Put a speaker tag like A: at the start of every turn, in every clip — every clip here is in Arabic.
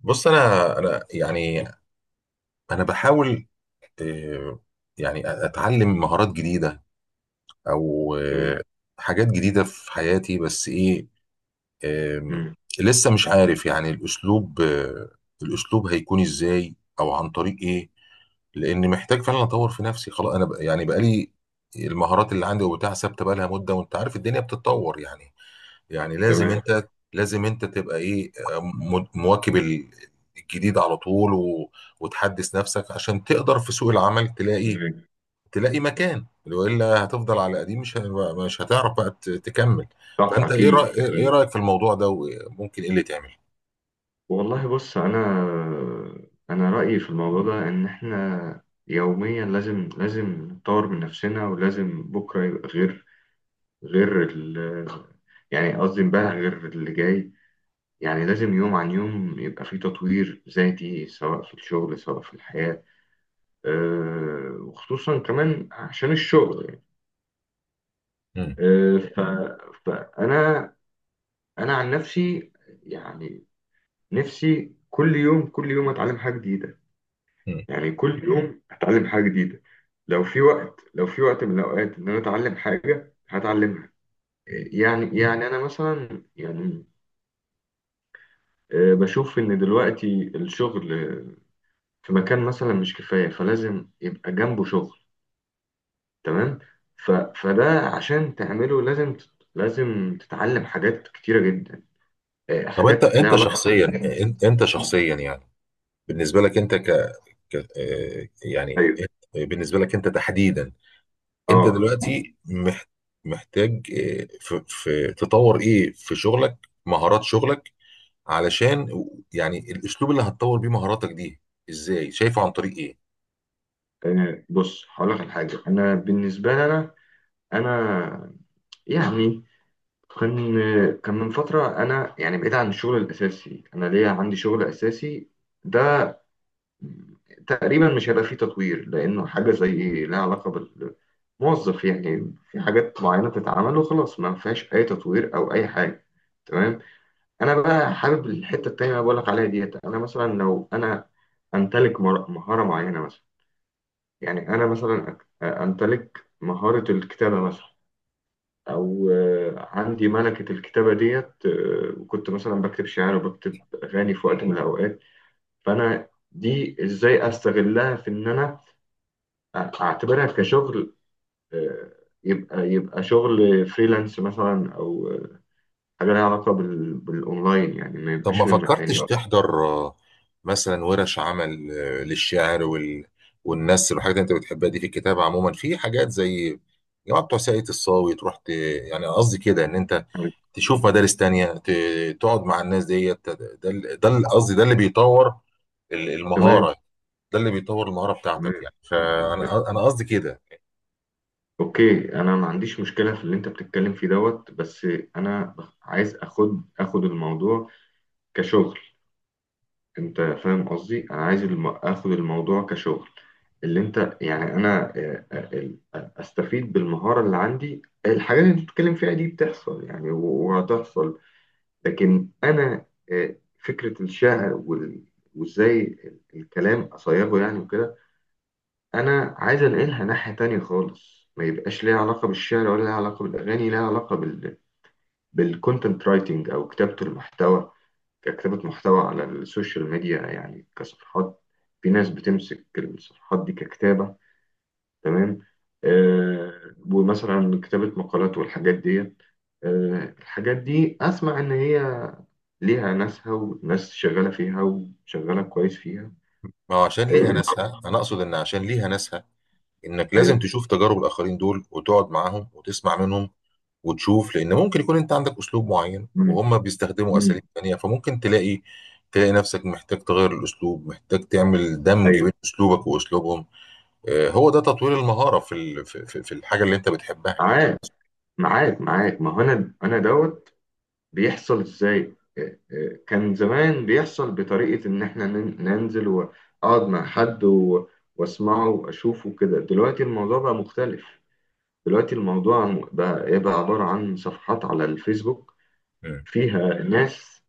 A: بص، انا يعني انا بحاول. آه، يعني اتعلم مهارات جديده، او
B: تمام.
A: حاجات جديده في حياتي. بس ايه، آم،
B: مم.
A: لسه مش عارف يعني الاسلوب. الاسلوب هيكون ازاي او عن طريق ايه؟ لان محتاج فعلا اطور في نفسي. خلاص، يعني بقالي المهارات اللي عندي وبتاع ثابته بقالها مده. وانت عارف الدنيا بتتطور يعني لازم
B: تمام
A: انت لازم انت تبقى ايه، مواكب الجديد على طول. وتحدث نفسك عشان تقدر في سوق العمل تلاقي
B: تمام.
A: تلاقي مكان، والا هتفضل على قديم مش هتعرف بقى تكمل.
B: صح،
A: فانت ايه رأي...
B: اكيد
A: ايه إيه
B: اكيد.
A: رايك في الموضوع ده؟ وممكن ايه اللي تعمل؟
B: والله، بص، انا رايي في الموضوع ده ان احنا يوميا لازم نطور من نفسنا، ولازم بكره يبقى غير غير ال يعني قصدي امبارح غير اللي جاي. يعني لازم يوم عن يوم يبقى في تطوير ذاتي، سواء في الشغل سواء في الحياه. وخصوصا كمان عشان الشغل يعني.
A: مم.
B: أه ف... فانا عن نفسي. يعني نفسي كل يوم كل يوم اتعلم حاجه جديده.
A: مم.
B: يعني كل يوم اتعلم حاجه جديده. لو في وقت من الاوقات ان انا اتعلم حاجه هتعلمها. يعني انا مثلا يعني بشوف ان دلوقتي الشغل في مكان مثلا مش كفايه، فلازم يبقى جنبه شغل. تمام. فده عشان تعمله، لازم تتعلم حاجات كتيره جدا.
A: طب انت
B: حاجات ليها
A: انت
B: علاقه
A: شخصيا، بالنسبه لك، انت ك... ك... آه، يعني
B: ايوه.
A: بالنسبه لك انت تحديدا. انت
B: اه.
A: دلوقتي محتاج، تطور ايه في شغلك، مهارات شغلك، علشان يعني الاسلوب اللي هتطور بيه مهاراتك دي ازاي شايفه؟ عن طريق ايه؟
B: بص، هقول لك على حاجه. انا بالنسبه لي، انا يعني كان كان من فتره، انا يعني بعيد عن الشغل الاساسي. انا ليا، عندي شغل اساسي ده تقريبا مش هيبقى فيه تطوير، لانه حاجه زي لها علاقه بالموظف. يعني في حاجات معينه بتتعمل وخلاص، ما فيهاش اي تطوير او اي حاجه. تمام. انا بقى حابب الحته التانيه اللي بقول لك عليها ديت. انا مثلا لو انا مهاره معينه مثلا. يعني انا مثلا، امتلك مهاره الكتابه مثلا، او عندي ملكة الكتابة ديت. وكنت مثلا بكتب شعر وبكتب اغاني في وقت من الاوقات. فانا دي ازاي استغلها في ان انا اعتبرها كشغل. آه، يبقى شغل فريلانس مثلا، او حاجة لها علاقة بالاونلاين، يعني ما
A: طب ما
B: يبقاش من مكان
A: فكرتش
B: يبقى.
A: تحضر، مثلا ورش عمل، للشعر والنثر والحاجات اللي انت بتحبها دي في الكتابه عموما، في حاجات زي جماعه بتوع ساقية الصاوي. تروح يعني قصدي كده ان انت تشوف مدارس تانية، تقعد مع الناس ديت. قصدي ده اللي بيطور
B: تمام.
A: المهارة، ده اللي بيطور المهارة بتاعتك
B: تمام.
A: يعني. فانا قصدي كده.
B: اوكي، انا ما عنديش مشكله في اللي انت بتتكلم فيه دوت. بس انا عايز اخد الموضوع كشغل. انت فاهم قصدي، انا عايز اخد الموضوع كشغل. اللي انت يعني انا استفيد بالمهارة اللي عندي. الحاجات اللي انت بتتكلم فيها دي بتحصل يعني وهتحصل. لكن انا فكرة الشعر وازاي الكلام اصيغه يعني، وكده. انا عايز انقلها ناحية تانية خالص، ما يبقاش ليها علاقة بالشعر ولا ليها علاقة بالاغاني، ليها علاقة بالكونتنت رايتنج، او كتابة المحتوى، ككتابة محتوى على السوشيال ميديا يعني، كصفحات. في ناس بتمسك الصفحات دي ككتابة. تمام. ومثلا كتابة مقالات والحاجات ديت. الحاجات دي أسمع إن هي ليها ناسها، وناس شغالة فيها وشغالة كويس فيها.
A: ما هو عشان ليها
B: آه
A: ناسها، انا اقصد ان عشان ليها ناسها، انك لازم
B: أيوه.
A: تشوف تجارب الاخرين دول وتقعد معاهم وتسمع منهم وتشوف، لان ممكن يكون انت عندك اسلوب معين
B: مم.
A: وهم بيستخدموا
B: مم.
A: اساليب تانية، فممكن تلاقي نفسك محتاج تغير الاسلوب، محتاج تعمل دمج
B: أيوه.
A: بين اسلوبك واسلوبهم. هو ده تطوير المهارة في ال- في في- في الحاجة اللي انت بتحبها يعني.
B: معاك معاك معاك، ما هو أنا دوت. بيحصل ازاي، كان زمان بيحصل بطريقة ان احنا ننزل واقعد مع حد واسمعه واشوفه كده. دلوقتي الموضوع بقى مختلف. دلوقتي الموضوع بقى ايه، بقى عبارة عن صفحات على الفيسبوك،
A: مم.
B: فيها ناس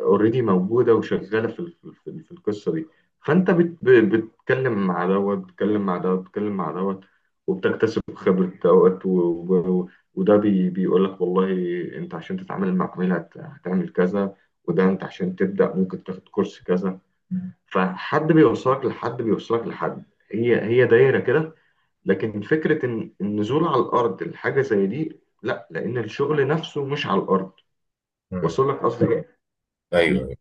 B: اوريدي موجوده وشغاله في القصه دي. فانت بتتكلم مع دوت، بتتكلم مع دوت، بتتكلم مع دوت، وبتكتسب خبره دوت وده بيقول لك والله انت عشان تتعامل مع عميل هتعمل كذا، وده انت عشان تبدا ممكن تاخد كورس كذا. فحد بيوصلك لحد بيوصلك لحد. هي هي دايره كده. لكن فكره ان النزول على الارض لحاجه زي دي لا، لان الشغل نفسه مش على الارض.
A: مم.
B: وصل لك قصدي إيه؟
A: ايوه، أيوة.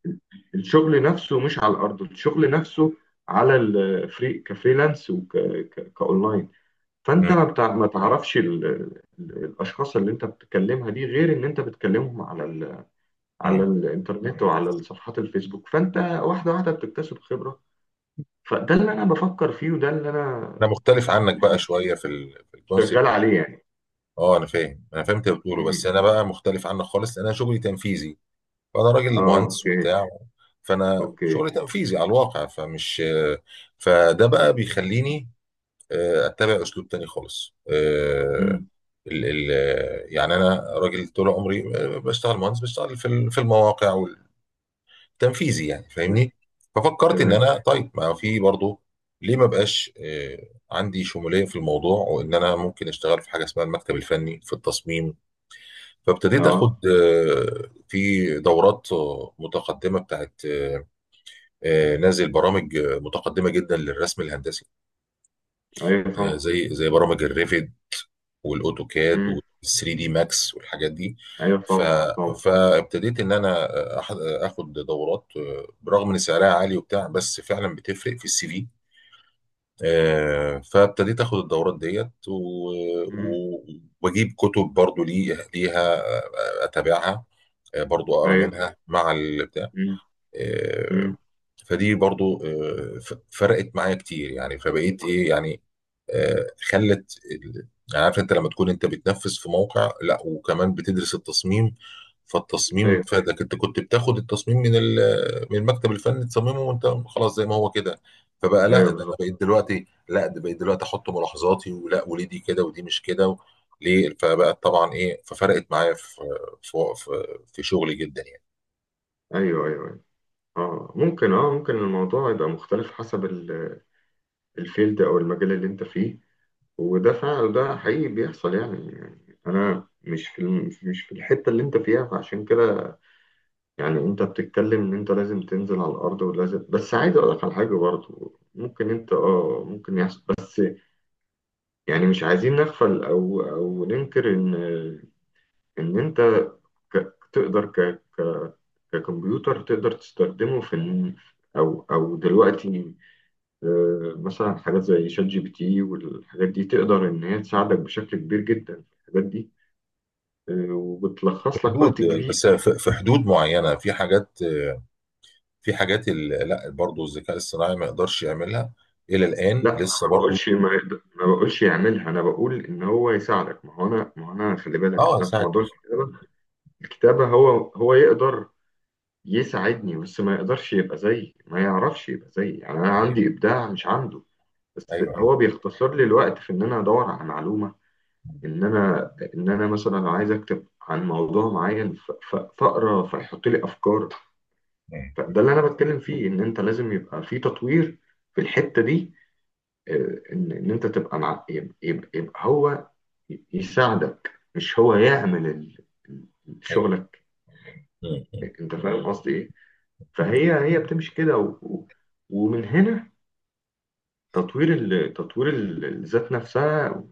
B: الشغل نفسه مش على الارض، الشغل نفسه على كفريلانس وكاونلاين. فانت
A: مم.
B: ما تعرفش الاشخاص اللي انت بتكلمها دي، غير ان انت بتكلمهم على على
A: مم.
B: الانترنت وعلى صفحات الفيسبوك، فانت واحده واحده بتكتسب خبره. فده اللي انا بفكر فيه، وده اللي انا
A: انا مختلف عنك بقى
B: يعني
A: شوية في الكونسيبت.
B: شغال عليه يعني.
A: اه، انا فاهم، انا فهمت اللي بتقوله. بس
B: مم.
A: انا بقى مختلف عنك خالص لان انا شغلي تنفيذي. فانا راجل
B: اه.
A: مهندس
B: اوكي
A: وبتاع، فانا
B: اوكي.
A: شغلي تنفيذي على الواقع. فمش آه، فده بقى بيخليني اتبع اسلوب تاني خالص. آه،
B: مم.
A: ال ال يعني انا راجل طول عمري، بشتغل مهندس، بشتغل في المواقع والتنفيذي يعني،
B: تمام
A: فاهمني؟ ففكرت ان
B: تمام.
A: انا طيب، ما في برضه، ليه ما بقاش عندي شمولية في الموضوع، وان انا ممكن اشتغل في حاجة اسمها المكتب الفني في التصميم. فابتديت
B: اه،
A: اخد، في دورات، متقدمه بتاعت، نازل برامج، متقدمه جدا للرسم الهندسي،
B: ايوه طبعا.
A: زي برامج الريفيد والاوتوكاد
B: مم.
A: وال3 دي ماكس والحاجات دي.
B: ايوه،
A: ف
B: طبعا طبعا.
A: فابتديت ان انا، اخد دورات، برغم ان سعرها عالي وبتاع، بس فعلا بتفرق في CV. فابتديت اخد الدورات ديت،
B: مم.
A: واجيب كتب برضو ليها، اتابعها، برضو اقرا
B: ايوه.
A: منها مع البتاع.
B: مم.
A: آه،
B: مم.
A: فدي برضو، فرقت معايا كتير يعني. فبقيت ايه يعني. آه، خلت ال- يعني عارف انت لما تكون انت بتنفذ في موقع، لا وكمان بتدرس التصميم. فالتصميم فادك. انت كنت بتاخد التصميم من المكتب الفني تصممه وانت خلاص زي ما هو كده. فبقى لا
B: ايوه
A: ده انا
B: بالظبط.
A: بقيت دلوقتي لا، ده بقيت دلوقتي احط ملاحظاتي، وليه دي كده ودي مش كده ليه. فبقى طبعا ايه، ففرقت معايا في شغلي جدا يعني.
B: ايوه ايوه ايوه. اه ممكن الموضوع يبقى مختلف حسب الفيلد او المجال اللي انت فيه. وده فعلا، ده حقيقي بيحصل يعني. يعني انا مش مش في الحته اللي انت فيها، فعشان كده يعني انت بتتكلم ان انت لازم تنزل على الارض ولازم، بس عايز اقول لك على حاجه برضه، ممكن انت ممكن يحصل بس، يعني مش عايزين نغفل او ننكر ان انت تقدر ككمبيوتر تقدر تستخدمه او دلوقتي مثلا حاجات زي شات GPT والحاجات دي تقدر إن هي تساعدك بشكل كبير جدا في الحاجات دي. وبتلخص لك
A: حدود
B: وقت كبير.
A: بس في حدود معينه في حاجات، لا، برضه الذكاء الصناعي ما يقدرش يعملها الى الان
B: لا، أنا
A: لسه
B: ما
A: برضه.
B: بقولش يعملها. أنا بقول إن هو يساعدك. ما هو أنا خلي بالك،
A: اه،
B: أنا في
A: ساعد
B: موضوع
A: ماشي.
B: الكتابة. الكتابة هو يقدر يساعدني. بس ما يقدرش يبقى زيي، ما يعرفش يبقى زيي، يعني أنا
A: ايوه،
B: عندي إبداع مش عنده. بس
A: ايوه، ايوه.
B: هو بيختصر لي الوقت في إن أنا أدور على معلومة. ان انا مثلا لو عايز اكتب عن موضوع معين فاقرا، فيحط لي افكار.
A: مم.
B: فده اللي انا بتكلم فيه، ان انت لازم يبقى في تطوير في الحته دي. ان انت تبقى مع، يبقى هو يساعدك، مش هو يعمل ال-
A: ايوه.
B: شغلك.
A: مم. مم.
B: انت فاهم قصدي ايه. فهي هي بتمشي كده ومن هنا تطوير الذات نفسها.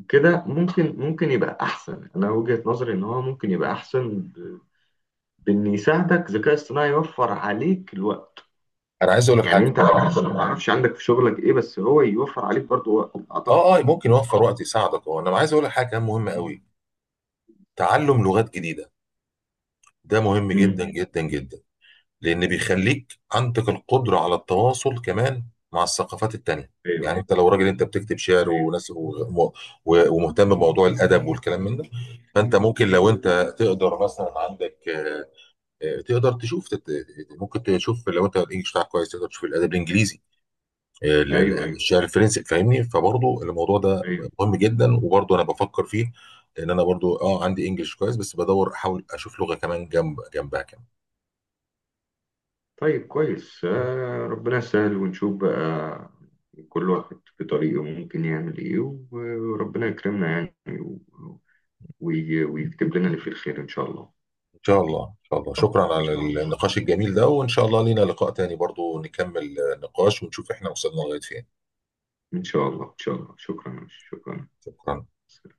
B: وكده ممكن، يبقى احسن. انا وجهة نظري ان هو ممكن يبقى احسن بإن يساعدك ذكاء اصطناعي، يوفر عليك الوقت.
A: انا عايز اقول لك
B: يعني
A: حاجه.
B: أنت مثلا، ما أعرفش عندك في شغلك إيه، بس هو يوفر عليك برضو وقت
A: اه،
B: أعتقد.
A: اه، ممكن يوفر وقت، يساعدك هو. انا عايز اقول لك حاجه كمان مهمه قوي. تعلم لغات جديده، ده مهم جدا
B: امم
A: جدا جدا. لان بيخليك عندك القدره على التواصل كمان مع الثقافات التانيه. يعني
B: أيوه
A: انت لو راجل انت بتكتب شعر
B: أيوه
A: وناس، ومهتم بموضوع الادب والكلام من ده. فانت ممكن، لو انت تقدر مثلا عندك، آه، تقدر تشوف تت- ممكن تشوف لو انت الانجليش بتاعك كويس، تقدر تشوف الادب الانجليزي،
B: أيوه أيوه
A: الشعر الفرنسي، فاهمني؟ فبرضه الموضوع ده
B: أيوه.
A: مهم جدا، وبرضه انا بفكر فيه، لان انا برضه عندي انجليش كويس، بس بدور احاول اشوف لغه كمان جنب جنبها كمان.
B: طيب، كويس، ربنا يسهل ونشوف بقى. كل واحد في طريقه ممكن يعمل إيه، وربنا يكرمنا يعني، ويكتب لنا اللي فيه الخير إن شاء الله.
A: ان شاء الله، ان شاء الله. شكرا
B: إن
A: على
B: شاء الله
A: النقاش الجميل ده، وان شاء الله لينا لقاء تاني برضو نكمل نقاش ونشوف احنا وصلنا لغاية فين.
B: إن شاء الله. إن شاء الله. شكرا شكرا.
A: شكرا.